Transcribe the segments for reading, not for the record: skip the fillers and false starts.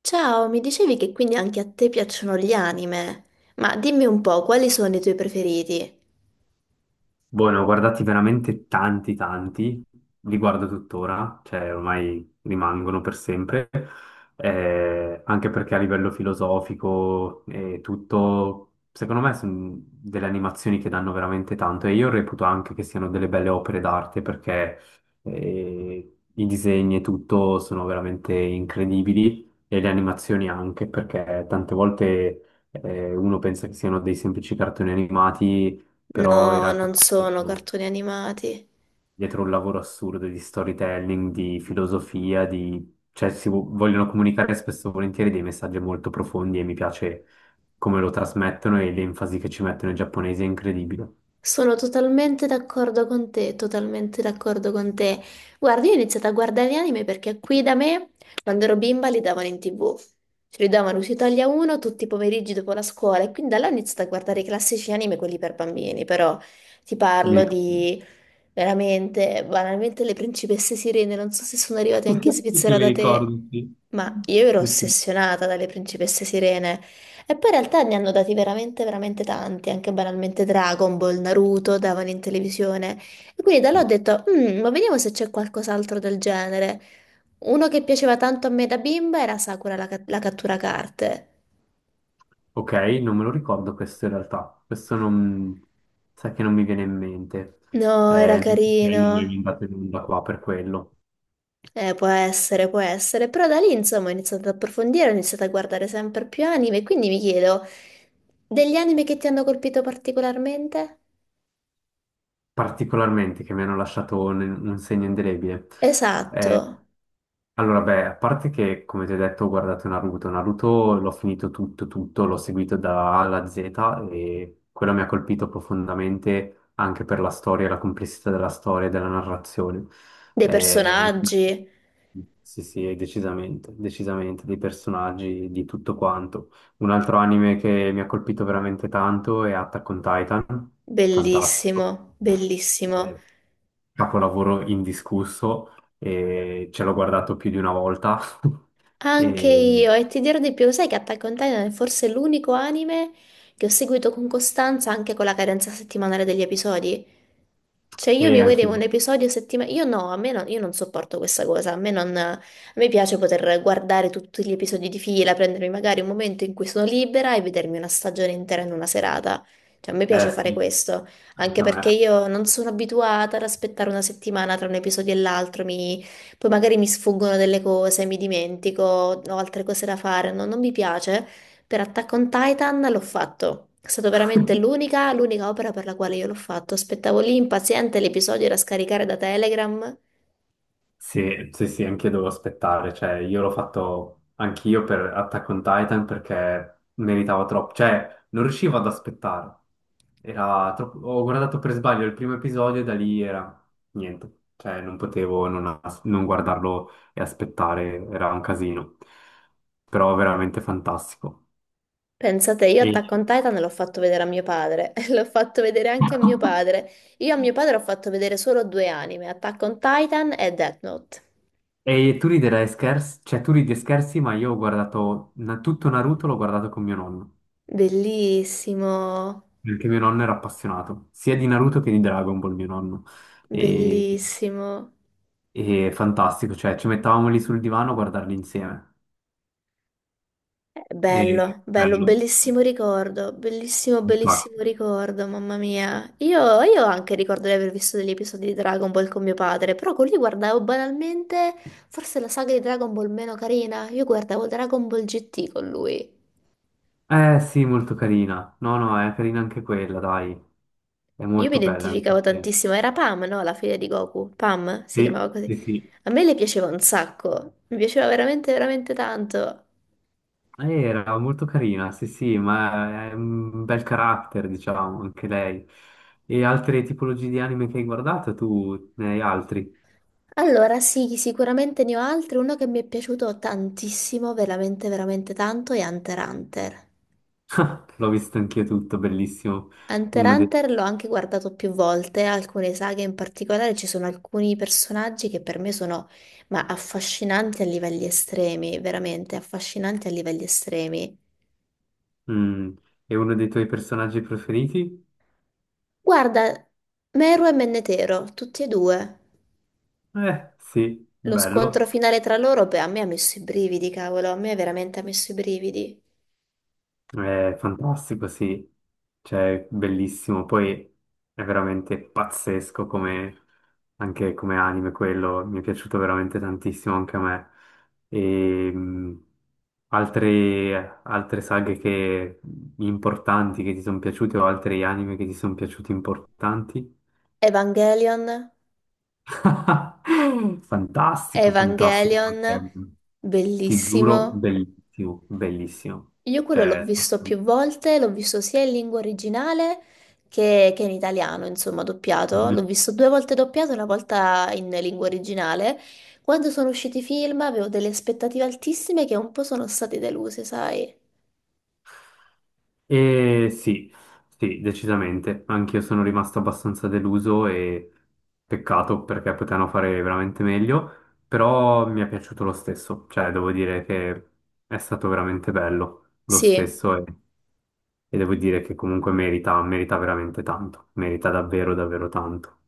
Ciao, mi dicevi che quindi anche a te piacciono gli anime, ma dimmi un po', quali sono i tuoi preferiti? Boh, ne ho guardati veramente tanti, tanti, li guardo tuttora, cioè ormai rimangono per sempre, anche perché a livello filosofico e tutto, secondo me sono delle animazioni che danno veramente tanto e io reputo anche che siano delle belle opere d'arte perché i disegni e tutto sono veramente incredibili e le animazioni anche perché tante volte uno pensa che siano dei semplici cartoni animati però in No, realtà non sono dietro, cartoni animati. dietro un lavoro assurdo di storytelling, di filosofia, di... cioè vogliono comunicare spesso e volentieri dei messaggi molto profondi e mi piace come lo trasmettono e l'enfasi che ci mettono i giapponesi è incredibile. Sono totalmente d'accordo con te, totalmente d'accordo con te. Guarda, io ho iniziato a guardare gli anime perché qui da me, quando ero bimba, li davano in TV. Ce li davano su Italia 1 tutti i pomeriggi dopo la scuola e quindi da là ho iniziato a guardare i classici anime, quelli per bambini, però ti Mi parlo ric- di. Veramente, banalmente le principesse sirene, non so se sono arrivate anche in Sì, sì, Svizzera mi da te, ricordo, sì. ma io ero Sì, sì, ossessionata dalle principesse sirene. E poi in realtà ne hanno dati veramente, veramente tanti, anche banalmente Dragon Ball, Naruto, davano in televisione. E quindi da là ho sì. detto, "Mm, ma vediamo se c'è qualcos'altro del genere." Uno che piaceva tanto a me da bimba era Sakura la cattura carte. Ok, non me lo ricordo questo in realtà, questo non... sai che non mi viene in mente, No, era non mi è carino. andato in onda qua per quello. Può essere, però da lì insomma ho iniziato ad approfondire, ho iniziato a guardare sempre più anime, e quindi mi chiedo, degli anime che ti hanno colpito particolarmente? Particolarmente che mi hanno lasciato un segno indelebile. Mm. Esatto, Allora, beh, a parte che, come ti ho detto, ho guardato Naruto. Naruto l'ho finito tutto, tutto, l'ho seguito da A alla Z e quello mi ha colpito profondamente anche per la storia, la complessità della storia e della narrazione. dei Eh, personaggi, sì, sì, decisamente, decisamente, dei personaggi, di tutto quanto. Un altro anime che mi ha colpito veramente tanto è Attack on Titan, fantastico, bellissimo, bellissimo. eh, capolavoro indiscusso, e ce l'ho guardato più di una volta Anche e, io, e ti dirò di più, sai che Attack on Titan è forse l'unico anime che ho seguito con costanza anche con la cadenza settimanale degli episodi. Cioè io e mi vedevo anch'io. un episodio settimanale, io no, a me non, io non sopporto questa cosa, a me, non, a me piace poter guardare tutti gli episodi di fila, prendermi magari un momento in cui sono libera e vedermi una stagione intera in una serata. Cioè a me Eh piace fare sì, questo, anche anche a perché me. io non sono abituata ad aspettare una settimana tra un episodio e l'altro, poi magari mi sfuggono delle cose, mi dimentico, ho altre cose da fare, no, non mi piace. Per Attack on Titan l'ho fatto. È stata veramente l'unica opera per la quale io l'ho fatto. Aspettavo lì impaziente, l'episodio da scaricare da Telegram. Sì, sì, sì, anch'io devo aspettare, cioè io l'ho fatto anch'io per Attack on Titan perché meritava troppo, cioè non riuscivo ad aspettare, era troppo... ho guardato per sbaglio il primo episodio e da lì era niente, cioè non potevo non, as- non guardarlo e aspettare, era un casino, però veramente fantastico. Pensate, io E, Attack on Titan l'ho fatto vedere a mio padre, l'ho fatto vedere anche a mio padre. Io a mio padre ho fatto vedere solo due anime, Attack on Titan e Death Note. e tu riderai scherzi, cioè tu ridi e scherzi, ma io ho guardato tutto Naruto, l'ho guardato con mio nonno. Bellissimo, Perché mio nonno era appassionato sia di Naruto che di Dragon Ball, mio nonno. E, bellissimo. e fantastico, cioè ci mettavamo lì sul divano a guardarli insieme. E Bello, bello, bello. bellissimo ricordo, bellissimo, bellissimo Infatti. ricordo, mamma mia. Io anche ricordo di aver visto degli episodi di Dragon Ball con mio padre, però con lui guardavo banalmente forse la saga di Dragon Ball meno carina. Io guardavo Dragon Ball GT con lui. Eh sì, molto carina. No, no, è carina anche quella, dai. È Io mi molto bella. Mi identificavo piace. tantissimo, era Pam, no? La figlia di Goku, Pam si Sì, chiamava così. sì, sì. A me le piaceva un sacco, mi piaceva veramente, veramente tanto. Era molto carina, sì, sì, ma è un bel carattere, diciamo, anche lei. E altre tipologie di anime che hai guardato, tu ne hai altri? Allora, sì, sicuramente ne ho altri. Uno che mi è piaciuto tantissimo, veramente, veramente tanto, è Hunter x Hunter. L'ho visto anch'io tutto, bellissimo. Hunter x Uno dei... Hunter l'ho anche guardato più volte, alcune saghe in particolare, ci sono alcuni personaggi che per me sono, ma affascinanti a livelli estremi, veramente affascinanti a livelli estremi. Mm. E uno dei tuoi personaggi preferiti? Guarda, Meru e Mennetero, tutti e due. Sì, Lo scontro bello. finale tra loro, beh, a me ha messo i brividi, cavolo, a me veramente ha messo i brividi. È fantastico, sì. Cioè, bellissimo. Poi è veramente pazzesco come... anche come anime quello. Mi è piaciuto veramente tantissimo anche a me. E... mm, Altre importanti che ti sono piaciute o altri anime che ti sono piaciuti importanti? Evangelion. Fantastico, fantastico. Evangelion, Ti bellissimo. giuro, bellissimo, bellissimo. Io quello l'ho Cioè, visto più assolutamente. volte, l'ho visto sia in lingua originale che in italiano, insomma, doppiato. L'ho visto due volte doppiato, una volta in lingua originale. Quando sono usciti i film avevo delle aspettative altissime che un po' sono state deluse, sai? E sì, sì, decisamente. Anch'io sono rimasto abbastanza deluso e peccato perché potevano fare veramente meglio, però mi è piaciuto lo stesso. Cioè, devo dire che è stato veramente bello lo Sì. stesso e devo dire che comunque merita, merita veramente tanto, merita davvero, davvero tanto.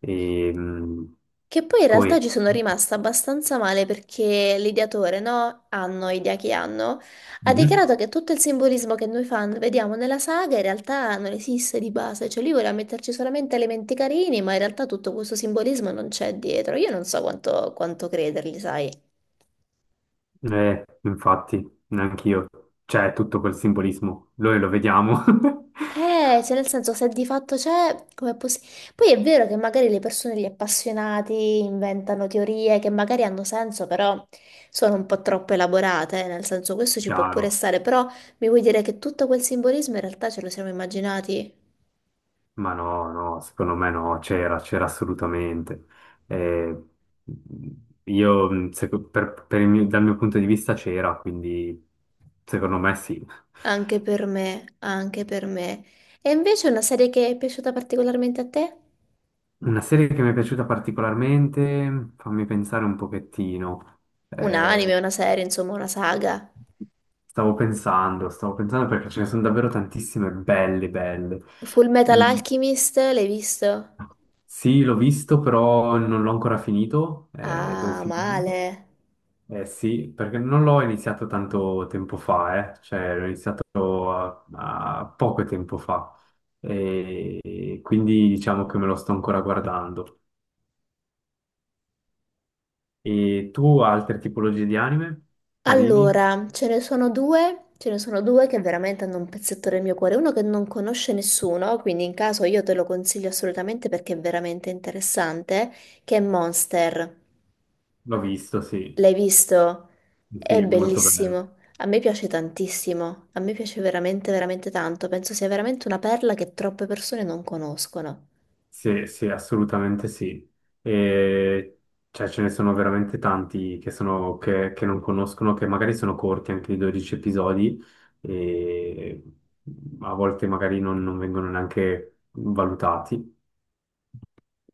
E Che poi in poi... realtà ci sono rimasta abbastanza male perché l'ideatore, no? Hanno, idea che hanno, ha Mhm. dichiarato che tutto il simbolismo che noi fan vediamo nella saga in realtà non esiste di base, cioè lui voleva metterci solamente elementi carini, ma in realtà tutto questo simbolismo non c'è dietro. Io non so quanto credergli, sai? Infatti, neanche io. C'è tutto quel simbolismo, noi lo vediamo. Cioè nel senso, se di fatto c'è, com'è possibile? Poi è vero che magari le persone, gli appassionati, inventano teorie che magari hanno senso, però sono un po' troppo elaborate, nel senso, questo ci può pure Chiaro, stare, però mi vuoi dire che tutto quel simbolismo in realtà ce lo siamo immaginati? ma no, no, secondo me no, c'era, c'era assolutamente. Eh, io, dal mio punto di vista c'era, quindi secondo me sì. Anche per me, anche per me. E invece una serie che è piaciuta particolarmente a te? Una serie che mi è piaciuta particolarmente, fammi pensare un pochettino. Un anime, Eh, una serie, insomma, una saga. Stavo pensando perché ce ne sono davvero tantissime belle, belle. Full Metal Mm, Alchemist, l'hai visto? sì, l'ho visto, però non l'ho ancora finito, devo Ah, finirlo. male. Eh sì, perché non l'ho iniziato tanto tempo fa, eh. Cioè a poco tempo fa e quindi diciamo che me lo sto ancora guardando. E tu altre tipologie di anime? Carini? Allora, ce ne sono due, ce ne sono due che veramente hanno un pezzetto del mio cuore, uno che non conosce nessuno, quindi in caso io te lo consiglio assolutamente perché è veramente interessante, che è Monster. L'ho visto, sì, L'hai visto? È sì, molto bello. bellissimo. A me piace tantissimo, a me piace veramente, veramente tanto. Penso sia veramente una perla che troppe persone non conoscono. Sì, sì, assolutamente sì. E, cioè, ce ne sono veramente tanti che, sono, che non conoscono, che magari sono corti anche di 12 episodi e a volte magari non vengono neanche valutati.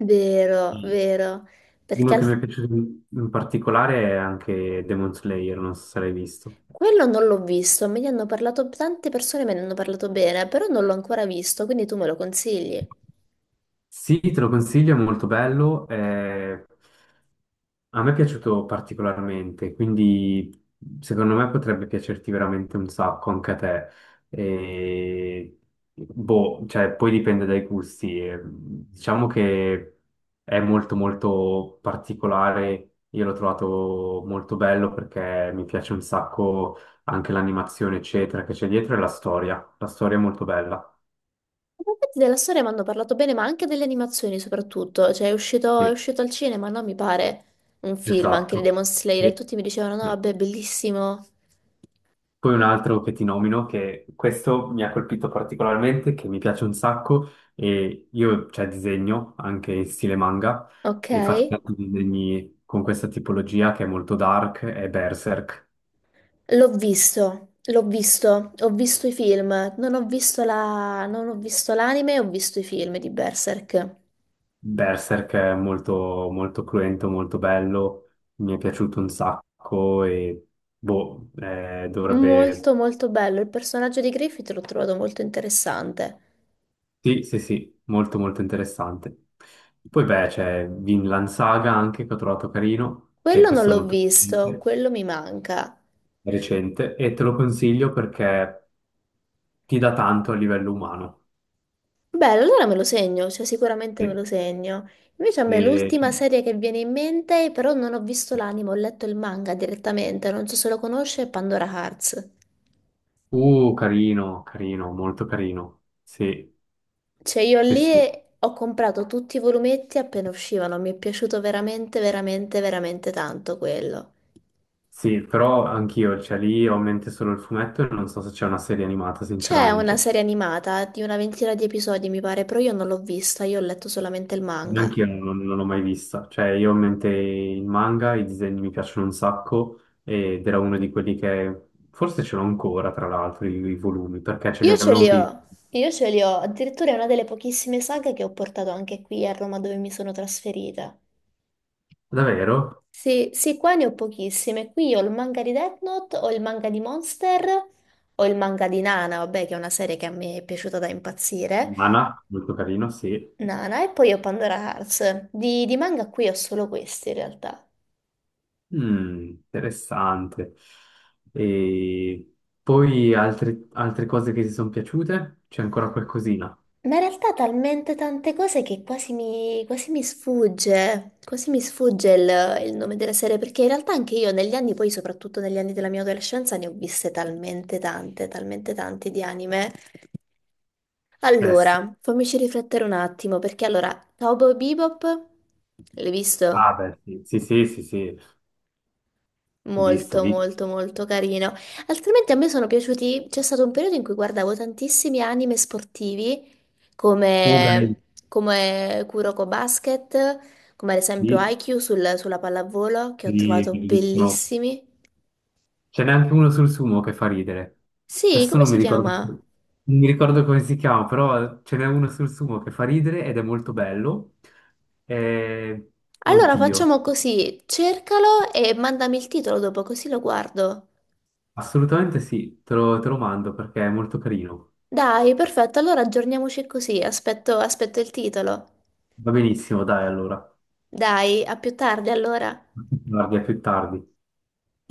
Vero, Mm. vero. Perché Uno che mi al- è piaciuto in particolare è anche Demon Slayer, non so se l'hai visto. Quello non l'ho visto, me ne hanno parlato tante persone, me ne hanno parlato bene, però non l'ho ancora visto, quindi tu me lo consigli. In Sì, te lo consiglio, è molto bello. Eh, a me è piaciuto particolarmente, quindi secondo me potrebbe piacerti veramente un sacco anche a te. E, boh, cioè, poi dipende dai gusti. E, diciamo che è molto molto particolare. Io l'ho trovato molto bello perché mi piace un sacco anche l'animazione, eccetera, che c'è dietro e la storia. La storia è molto bella. effetti della storia mi hanno parlato bene, ma anche delle animazioni soprattutto, cioè è uscito, è Sì, uscito al cinema, no? Mi pare un film anche di esatto. Demon Slayer e Sì, tutti mi dicevano no, sì. vabbè, bellissimo. Poi un altro che ti nomino, che questo mi ha colpito particolarmente, che mi piace un sacco, e io, cioè, disegno anche in stile manga, Ok? e faccio tanti disegni con questa tipologia che è molto dark, è Berserk. L'ho visto, ho visto i film, non ho visto la, non ho visto l'anime, ho visto i film di Berserk. Berserk è molto, molto cruento, molto bello, mi è piaciuto un sacco, e boh, dovrebbe... Molto molto bello, il personaggio di Griffith l'ho trovato molto interessante. Sì, sì, sì, molto, molto interessante. Poi beh, c'è Vinland Saga anche, che ho trovato carino, che Quello non questo è l'ho molto... visto, quello mi manca. recente e te lo consiglio perché ti dà tanto a livello umano. Bello, allora me lo segno, cioè sicuramente me E- lo segno. Invece a me l'ultima e- serie che viene in mente, però non ho visto l'anime, ho letto il manga direttamente, non so se lo conosce, è Pandora Hearts. Carino, carino, molto carino. Sì, Cioè io sì, lì sì. ho comprato tutti i volumetti appena uscivano, mi è piaciuto veramente, veramente, veramente tanto quello. Sì, però anch'io, cioè lì ho in mente solo il fumetto e non so se c'è una serie animata, C'è una sinceramente. serie animata di una ventina di episodi, mi pare, però io non l'ho vista, io ho letto solamente il manga. Neanche io non, non l'ho mai vista. Cioè, io ho in mente il manga, i disegni mi piacciono un sacco ed era uno di quelli che forse ce l'ho ancora, tra l'altro, i volumi, perché ce li Io ce avevo li anche ho, io. io ce li ho, addirittura è una delle pochissime saghe che ho portato anche qui a Roma dove mi sono trasferita. Davvero? Sì, sì, qua ne ho pochissime. Qui ho il manga di Death Note, ho il manga di Monster, ho il manga di Nana, vabbè, che è una serie che a me è piaciuta da impazzire. Mana, molto carino, sì. Nana, e poi ho Pandora Hearts. Di manga qui ho solo questi in realtà. Mm, interessante. E poi altre cose che ti sono piaciute? C'è ancora qualcosina? Ma in realtà talmente tante cose che quasi mi sfugge il nome della serie, perché in realtà anche io negli anni, poi soprattutto negli anni della mia adolescenza, ne ho viste talmente tante di anime. Eh sì. Allora, fammici riflettere un attimo, perché allora, Cowboy Bebop, l'hai Ah, visto? beh, sì, sì, sì, sì, sì. Visto, Molto, visto. molto, molto carino. Altrimenti a me sono piaciuti. C'è stato un periodo in cui guardavo tantissimi anime sportivi Uber, come, come Kuroko Basket, come ad esempio sì, Haikyuu sulla pallavolo, che ho sì, trovato bellissimo. bellissimi. Ce n'è anche uno sul sumo che fa ridere. Sì, Adesso come non mi si ricordo, chiama? non mi ricordo come si chiama, però ce n'è uno sul sumo che fa ridere ed è molto bello. Eh, Allora facciamo oddio, così: cercalo e mandami il titolo dopo, così lo guardo. assolutamente sì, te lo mando perché è molto carino. Dai, perfetto, allora aggiorniamoci così. Aspetto il titolo. Va benissimo, dai, allora. Dai, a più tardi allora. A più tardi, a più tardi.